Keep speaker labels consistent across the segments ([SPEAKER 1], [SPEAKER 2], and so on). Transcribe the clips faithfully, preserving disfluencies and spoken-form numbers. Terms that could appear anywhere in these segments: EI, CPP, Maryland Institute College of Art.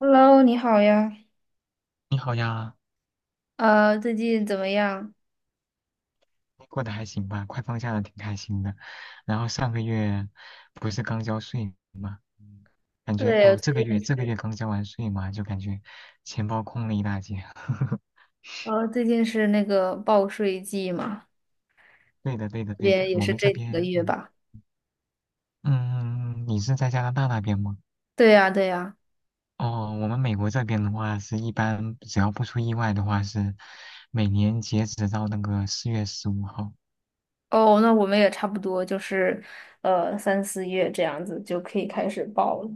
[SPEAKER 1] Hello，你好呀。
[SPEAKER 2] 你好呀，
[SPEAKER 1] 呃，最近怎么样？
[SPEAKER 2] 你过得还行吧？快放假了，挺开心的。然后上个月不是刚交税吗？嗯感觉
[SPEAKER 1] 对，我
[SPEAKER 2] 哦，这个
[SPEAKER 1] 最
[SPEAKER 2] 月
[SPEAKER 1] 近
[SPEAKER 2] 这个
[SPEAKER 1] 是，
[SPEAKER 2] 月刚交完税嘛，就感觉钱包空了一大截。
[SPEAKER 1] 呃，最近是那个报税季嘛，
[SPEAKER 2] 对的，对的，
[SPEAKER 1] 这
[SPEAKER 2] 对
[SPEAKER 1] 边
[SPEAKER 2] 的。
[SPEAKER 1] 也
[SPEAKER 2] 我
[SPEAKER 1] 是
[SPEAKER 2] 们这
[SPEAKER 1] 这几个
[SPEAKER 2] 边，
[SPEAKER 1] 月
[SPEAKER 2] 嗯
[SPEAKER 1] 吧。
[SPEAKER 2] 嗯，你是在加拿大那边吗？
[SPEAKER 1] 对呀，对呀。
[SPEAKER 2] 哦，我们美国这边的话，是一般只要不出意外的话，是每年截止到那个四月十五号。
[SPEAKER 1] 哦，那我们也差不多，就是呃三四月这样子就可以开始报了。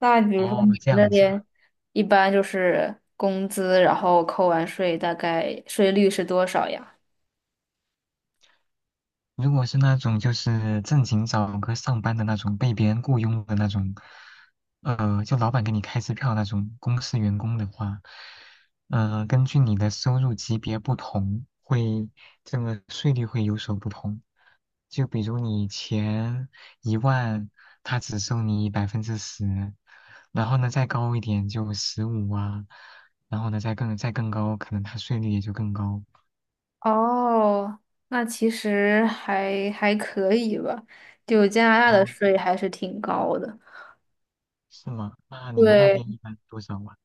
[SPEAKER 1] 那比如说
[SPEAKER 2] 哦，
[SPEAKER 1] 你
[SPEAKER 2] 这
[SPEAKER 1] 们那
[SPEAKER 2] 样子啊。
[SPEAKER 1] 边一般就是工资，然后扣完税，大概税率是多少呀？
[SPEAKER 2] 如果是那种就是正经找个上班的那种被别人雇佣的那种，呃，就老板给你开支票那种公司员工的话，呃，根据你的收入级别不同，会这个税率会有所不同。就比如你前一万，他只收你百分之十，然后呢再高一点就十五啊，然后呢再更再更高，可能他税率也就更高。
[SPEAKER 1] 哦，那其实还还可以吧，就加拿大的
[SPEAKER 2] 哦，
[SPEAKER 1] 税还是挺高的。
[SPEAKER 2] 是吗？那你们那
[SPEAKER 1] 对，
[SPEAKER 2] 边一般多少啊？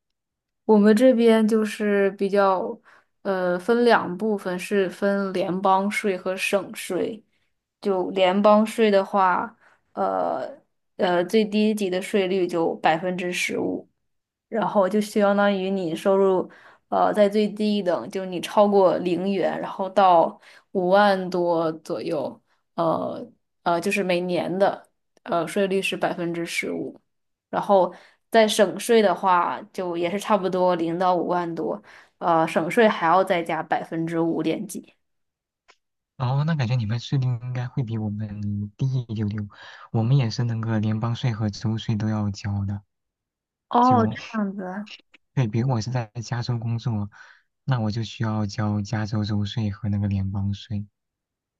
[SPEAKER 1] 我们这边就是比较，呃，分两部分，是分联邦税和省税。就联邦税的话，呃呃，最低级的税率就百分之十五，然后就相当于你收入，呃，在最低等，就你超过零元，然后到五万多左右，呃呃，就是每年的呃税率是百分之十五，然后在省税的话，就也是差不多零到五万多，呃，省税还要再加百分之五点几。
[SPEAKER 2] 哦，那感觉你们税率应该会比我们低一丢丢，我们也是那个联邦税和州税都要交的。
[SPEAKER 1] 哦，
[SPEAKER 2] 就，
[SPEAKER 1] 这样子，
[SPEAKER 2] 对，比如我是在加州工作，那我就需要交加州州税和那个联邦税。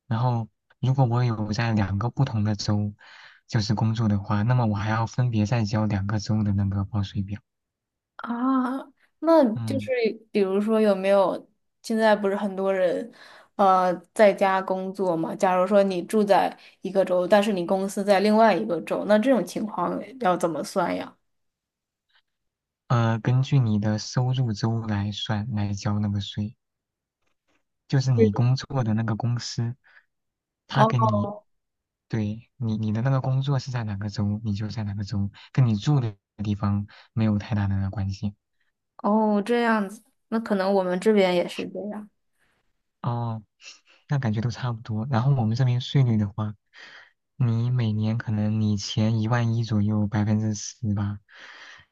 [SPEAKER 2] 然后，如果我有在两个不同的州，就是工作的话，那么我还要分别再交两个州的那个报税表。
[SPEAKER 1] 啊，那就是
[SPEAKER 2] 嗯，
[SPEAKER 1] 比如说有没有现在不是很多人，呃，在家工作嘛？假如说你住在一个州，但是你公司在另外一个州，那这种情况要怎么算呀？
[SPEAKER 2] 呃，根据你的收入州来算来交那个税。就是你工作的那个公司，他给
[SPEAKER 1] 哦
[SPEAKER 2] 你，对你你的那个工作是在哪个州，你就在哪个州，跟你住的地方没有太大的关系。
[SPEAKER 1] 哦，这样子，那可能我们这边也是这样。
[SPEAKER 2] 哦，那感觉都差不多。然后我们这边税率的话，你每年可能你前一万一左右百分之十吧，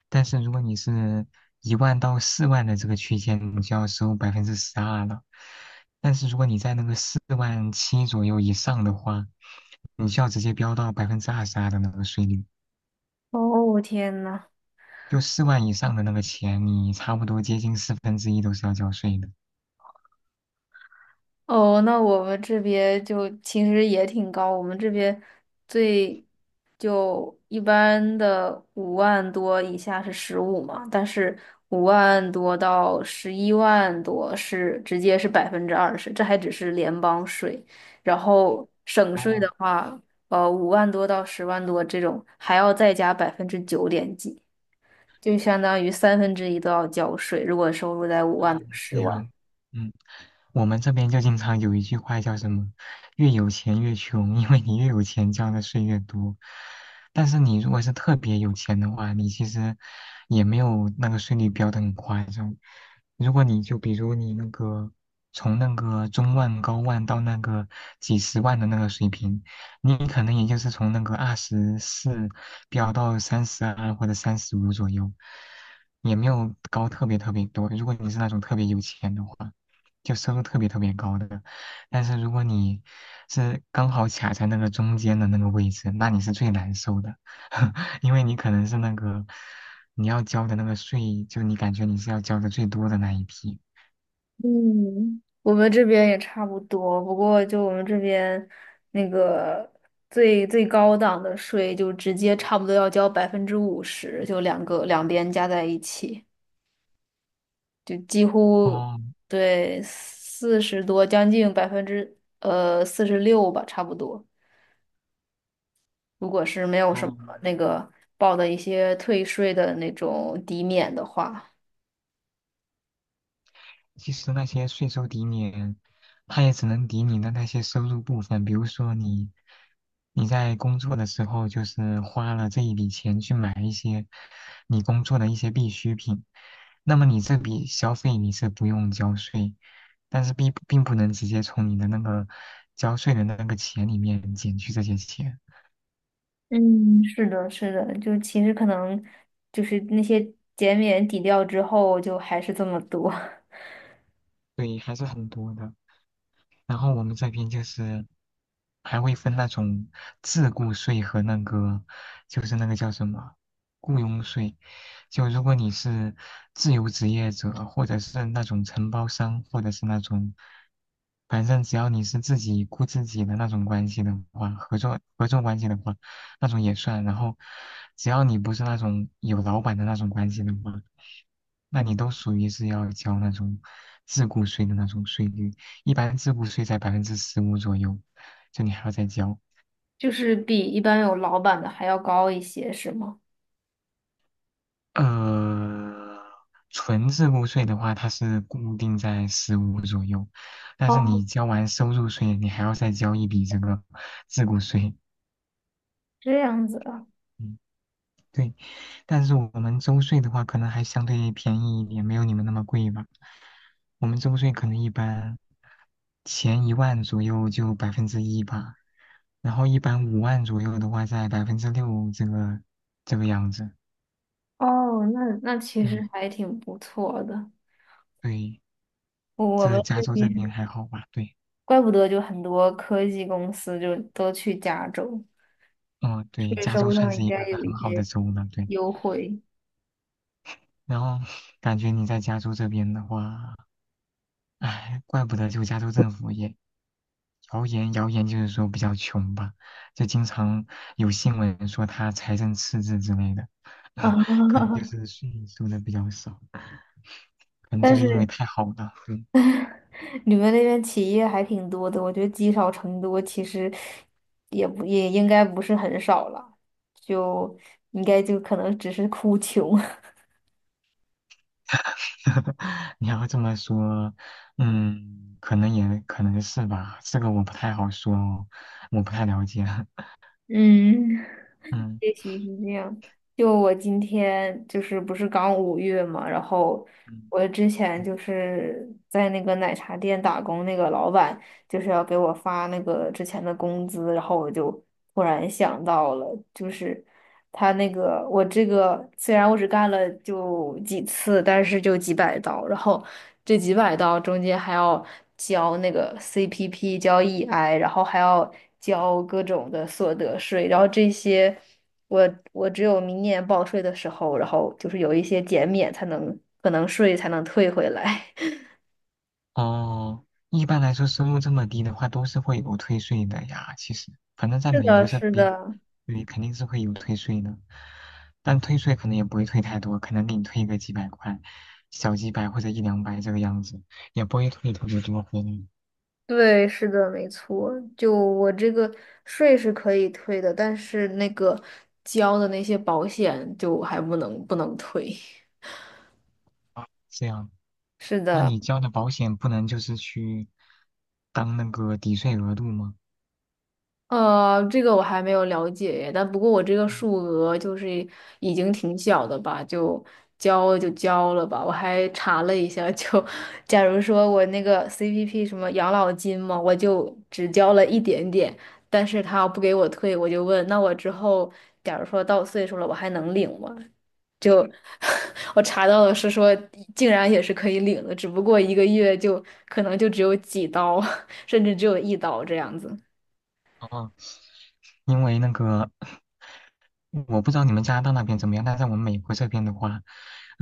[SPEAKER 2] 但是如果你是一万到四万的这个区间，你就要收百分之十二了。但是如果你在那个四万七左右以上的话，你就要直接飙到百分之二十二的那个税率。
[SPEAKER 1] 哦，天呐。
[SPEAKER 2] 就四万以上的那个钱，你差不多接近四分之一都是要交税的。
[SPEAKER 1] 哦，那我们这边就其实也挺高，我们这边最就一般的五万多以下是十五嘛，但是五万多到十一万多是直接是百分之二十，这还只是联邦税，然后省税的
[SPEAKER 2] 哦
[SPEAKER 1] 话，呃，五万多到十万多这种还要再加百分之九点几，就相当于三分之一都要交税，如果收入在五万
[SPEAKER 2] 哦，
[SPEAKER 1] 到
[SPEAKER 2] 这
[SPEAKER 1] 十万。
[SPEAKER 2] 样，嗯。我们这边就经常有一句话叫什么"越有钱越穷"，因为你越有钱交的税越多。但是你如果是特别有钱的话，你其实也没有那个税率标的很夸张。如果你就比如你那个从那个中万、高万到那个几十万的那个水平，你可能也就是从那个二十四飙到三十二或者三十五左右，也没有高特别特别多。如果你是那种特别有钱的话。就收入特别特别高的。但是如果你是刚好卡在那个中间的那个位置，那你是最难受的，因为你可能是那个你要交的那个税，就你感觉你是要交的最多的那一批。
[SPEAKER 1] 嗯，我们这边也差不多，不过就我们这边那个最最高档的税，就直接差不多要交百分之五十，就两个两边加在一起，就几乎
[SPEAKER 2] 哦，
[SPEAKER 1] 对四十多，将近百分之呃四十六吧，差不多。如果是没有什么
[SPEAKER 2] 哦，
[SPEAKER 1] 那个报的一些退税的那种抵免的话。
[SPEAKER 2] 其实那些税收抵免，它也只能抵你的那些收入部分，比如说你你在工作的时候，就是花了这一笔钱去买一些你工作的一些必需品，那么你这笔消费你是不用交税，但是并并不能直接从你的那个交税的那个钱里面减去这些钱，
[SPEAKER 1] 嗯，是的，是的，就其实可能就是那些减免抵掉之后，就还是这么多，
[SPEAKER 2] 对，还是很多的。然后我们这边就是还会分那种自雇税和那个就是那个叫什么雇佣税。就如果你是自由职业者，或者是那种承包商，或者是那种，反正只要你是自己雇自己的那种关系的话，合作合作关系的话，那种也算。然后只要你不是那种有老板的那种关系的话，那你都属于是要交那种自雇税的那种税率。一般自付税在百分之十五左右，就你还要再交。
[SPEAKER 1] 就是比一般有老板的还要高一些，是吗？
[SPEAKER 2] 呃，纯自付税的话，它是固定在十五左右，但是
[SPEAKER 1] 哦，
[SPEAKER 2] 你交完收入税，你还要再交一笔这个自付税。
[SPEAKER 1] 这样子啊，
[SPEAKER 2] 嗯对，但是我们周税的话，可能还相对便宜一点，没有你们那么贵吧。我们周税可能一般前一万左右就百分之一吧，然后一般五万左右的话在百分之六这个这个样子。
[SPEAKER 1] 哦，那那其实
[SPEAKER 2] 嗯，
[SPEAKER 1] 还挺不错的。
[SPEAKER 2] 对，
[SPEAKER 1] 我
[SPEAKER 2] 这
[SPEAKER 1] 们
[SPEAKER 2] 加
[SPEAKER 1] 这
[SPEAKER 2] 州这
[SPEAKER 1] 边
[SPEAKER 2] 边还好吧？对，
[SPEAKER 1] 怪不得就很多科技公司就都去加州，
[SPEAKER 2] 嗯，对，
[SPEAKER 1] 税
[SPEAKER 2] 加州
[SPEAKER 1] 收
[SPEAKER 2] 算
[SPEAKER 1] 上
[SPEAKER 2] 是
[SPEAKER 1] 应
[SPEAKER 2] 一个
[SPEAKER 1] 该有一
[SPEAKER 2] 很好的
[SPEAKER 1] 些
[SPEAKER 2] 州了，对。
[SPEAKER 1] 优惠
[SPEAKER 2] 然后感觉你在加州这边的话，哎，怪不得就加州政府也。谣言，谣言就是说比较穷吧，就经常有新闻说他财政赤字之类的，
[SPEAKER 1] 啊，
[SPEAKER 2] 可能就是税收的比较少，可能就
[SPEAKER 1] 但
[SPEAKER 2] 是因
[SPEAKER 1] 是
[SPEAKER 2] 为太好了。嗯
[SPEAKER 1] 你们那边企业还挺多的，我觉得积少成多，其实也不也应该不是很少了，就应该就可能只是哭穷。
[SPEAKER 2] 你要这么说，嗯，可能也可能是吧，这个我不太好说哦，我不太了解。
[SPEAKER 1] 嗯。
[SPEAKER 2] 嗯
[SPEAKER 1] 也许是这样。就我今天就是不是刚五月嘛，然后
[SPEAKER 2] 嗯。
[SPEAKER 1] 我之前就是在那个奶茶店打工，那个老板就是要给我发那个之前的工资，然后我就突然想到了，就是他那个我这个虽然我只干了就几次，但是就几百刀，然后这几百刀中间还要交那个 C P P，交 E I，然后还要交各种的所得税，然后这些。我我只有明年报税的时候，然后就是有一些减免才能，可能税才能退回来。
[SPEAKER 2] 哦，一般来说收入这么低的话，都是会有退税的呀。其实，反正在
[SPEAKER 1] 是
[SPEAKER 2] 美
[SPEAKER 1] 的，
[SPEAKER 2] 国这
[SPEAKER 1] 是
[SPEAKER 2] 边，
[SPEAKER 1] 的，
[SPEAKER 2] 对，肯定是会有退税的，但退税可能也不会退太多，可能给你退个几百块，小几百或者一两百这个样子，也不会退特别多回来。
[SPEAKER 1] 对，是的，没错。就我这个税是可以退的，但是那个交的那些保险就还不能不能退。
[SPEAKER 2] 这样，
[SPEAKER 1] 是
[SPEAKER 2] 那
[SPEAKER 1] 的。
[SPEAKER 2] 你交的保险不能就是去当那个抵税额度吗？
[SPEAKER 1] 呃，这个我还没有了解耶，但不过我这个
[SPEAKER 2] 嗯
[SPEAKER 1] 数额就是已经挺小的吧，就交了就交了吧。我还查了一下，就假如说我那个 C P P 什么养老金嘛，我就只交了一点点，但是他不给我退，我就问，那我之后假如说到岁数了，我还能领吗？就 我查到的是说，竟然也是可以领的，只不过一个月就可能就只有几刀，甚至只有一刀这样子。
[SPEAKER 2] 哦，因为那个。我不知道你们加拿大那边怎么样，但在我们美国这边的话，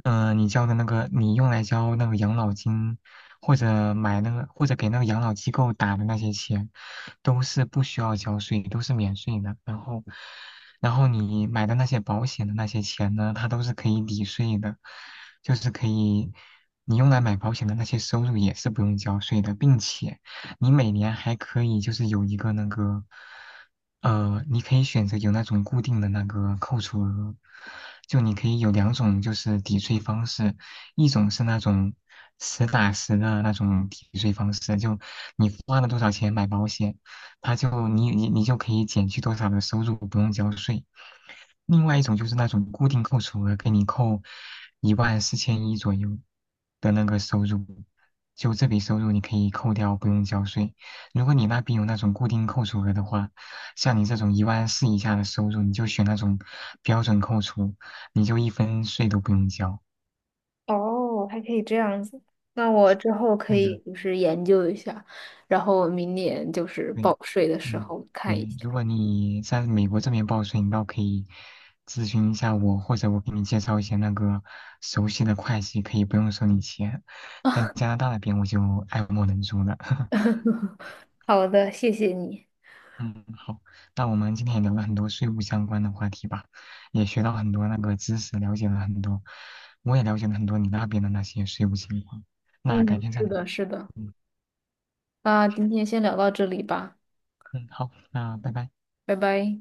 [SPEAKER 2] 嗯、呃你交的那个，你用来交那个养老金，或者买那个，或者给那个养老机构打的那些钱，都是不需要交税，都是免税的。然后，然后你买的那些保险的那些钱呢，它都是可以抵税的，就是可以，你用来买保险的那些收入也是不用交税的，并且你每年还可以就是有一个那个。呃，你可以选择有那种固定的那个扣除额，就你可以有两种就是抵税方式，一种是那种实打实的那种抵税方式，就你花了多少钱买保险，它就你你你就可以减去多少的收入，不用交税。另外一种就是那种固定扣除额，给你扣一万四千一左右的那个收入，就这笔收入你可以扣掉，不用交税。如果你那边有那种固定扣除额的话，像你这种一万四以下的收入，你就选那种标准扣除，你就一分税都不用交。
[SPEAKER 1] 哦，还可以这样子。那我之后可
[SPEAKER 2] 对的，
[SPEAKER 1] 以就是研究一下，然后我明年就是
[SPEAKER 2] 对，
[SPEAKER 1] 报税的时
[SPEAKER 2] 嗯，
[SPEAKER 1] 候看一
[SPEAKER 2] 对。
[SPEAKER 1] 下。
[SPEAKER 2] 如果你在美国这边报税，你倒可以咨询一下我，或者我给你介绍一些那个熟悉的会计，可以不用收你钱。但加拿大那边我就爱莫能助了。
[SPEAKER 1] 好的，谢谢你。
[SPEAKER 2] 嗯，好，那我们今天也聊了很多税务相关的话题吧，也学到很多那个知识，了解了很多，我也了解了很多你那边的那些税务情况。那改
[SPEAKER 1] 嗯，
[SPEAKER 2] 天再
[SPEAKER 1] 是
[SPEAKER 2] 聊。
[SPEAKER 1] 的，是的。
[SPEAKER 2] 嗯
[SPEAKER 1] 那今天先聊到这里吧，
[SPEAKER 2] 嗯，好，那拜拜。
[SPEAKER 1] 拜拜。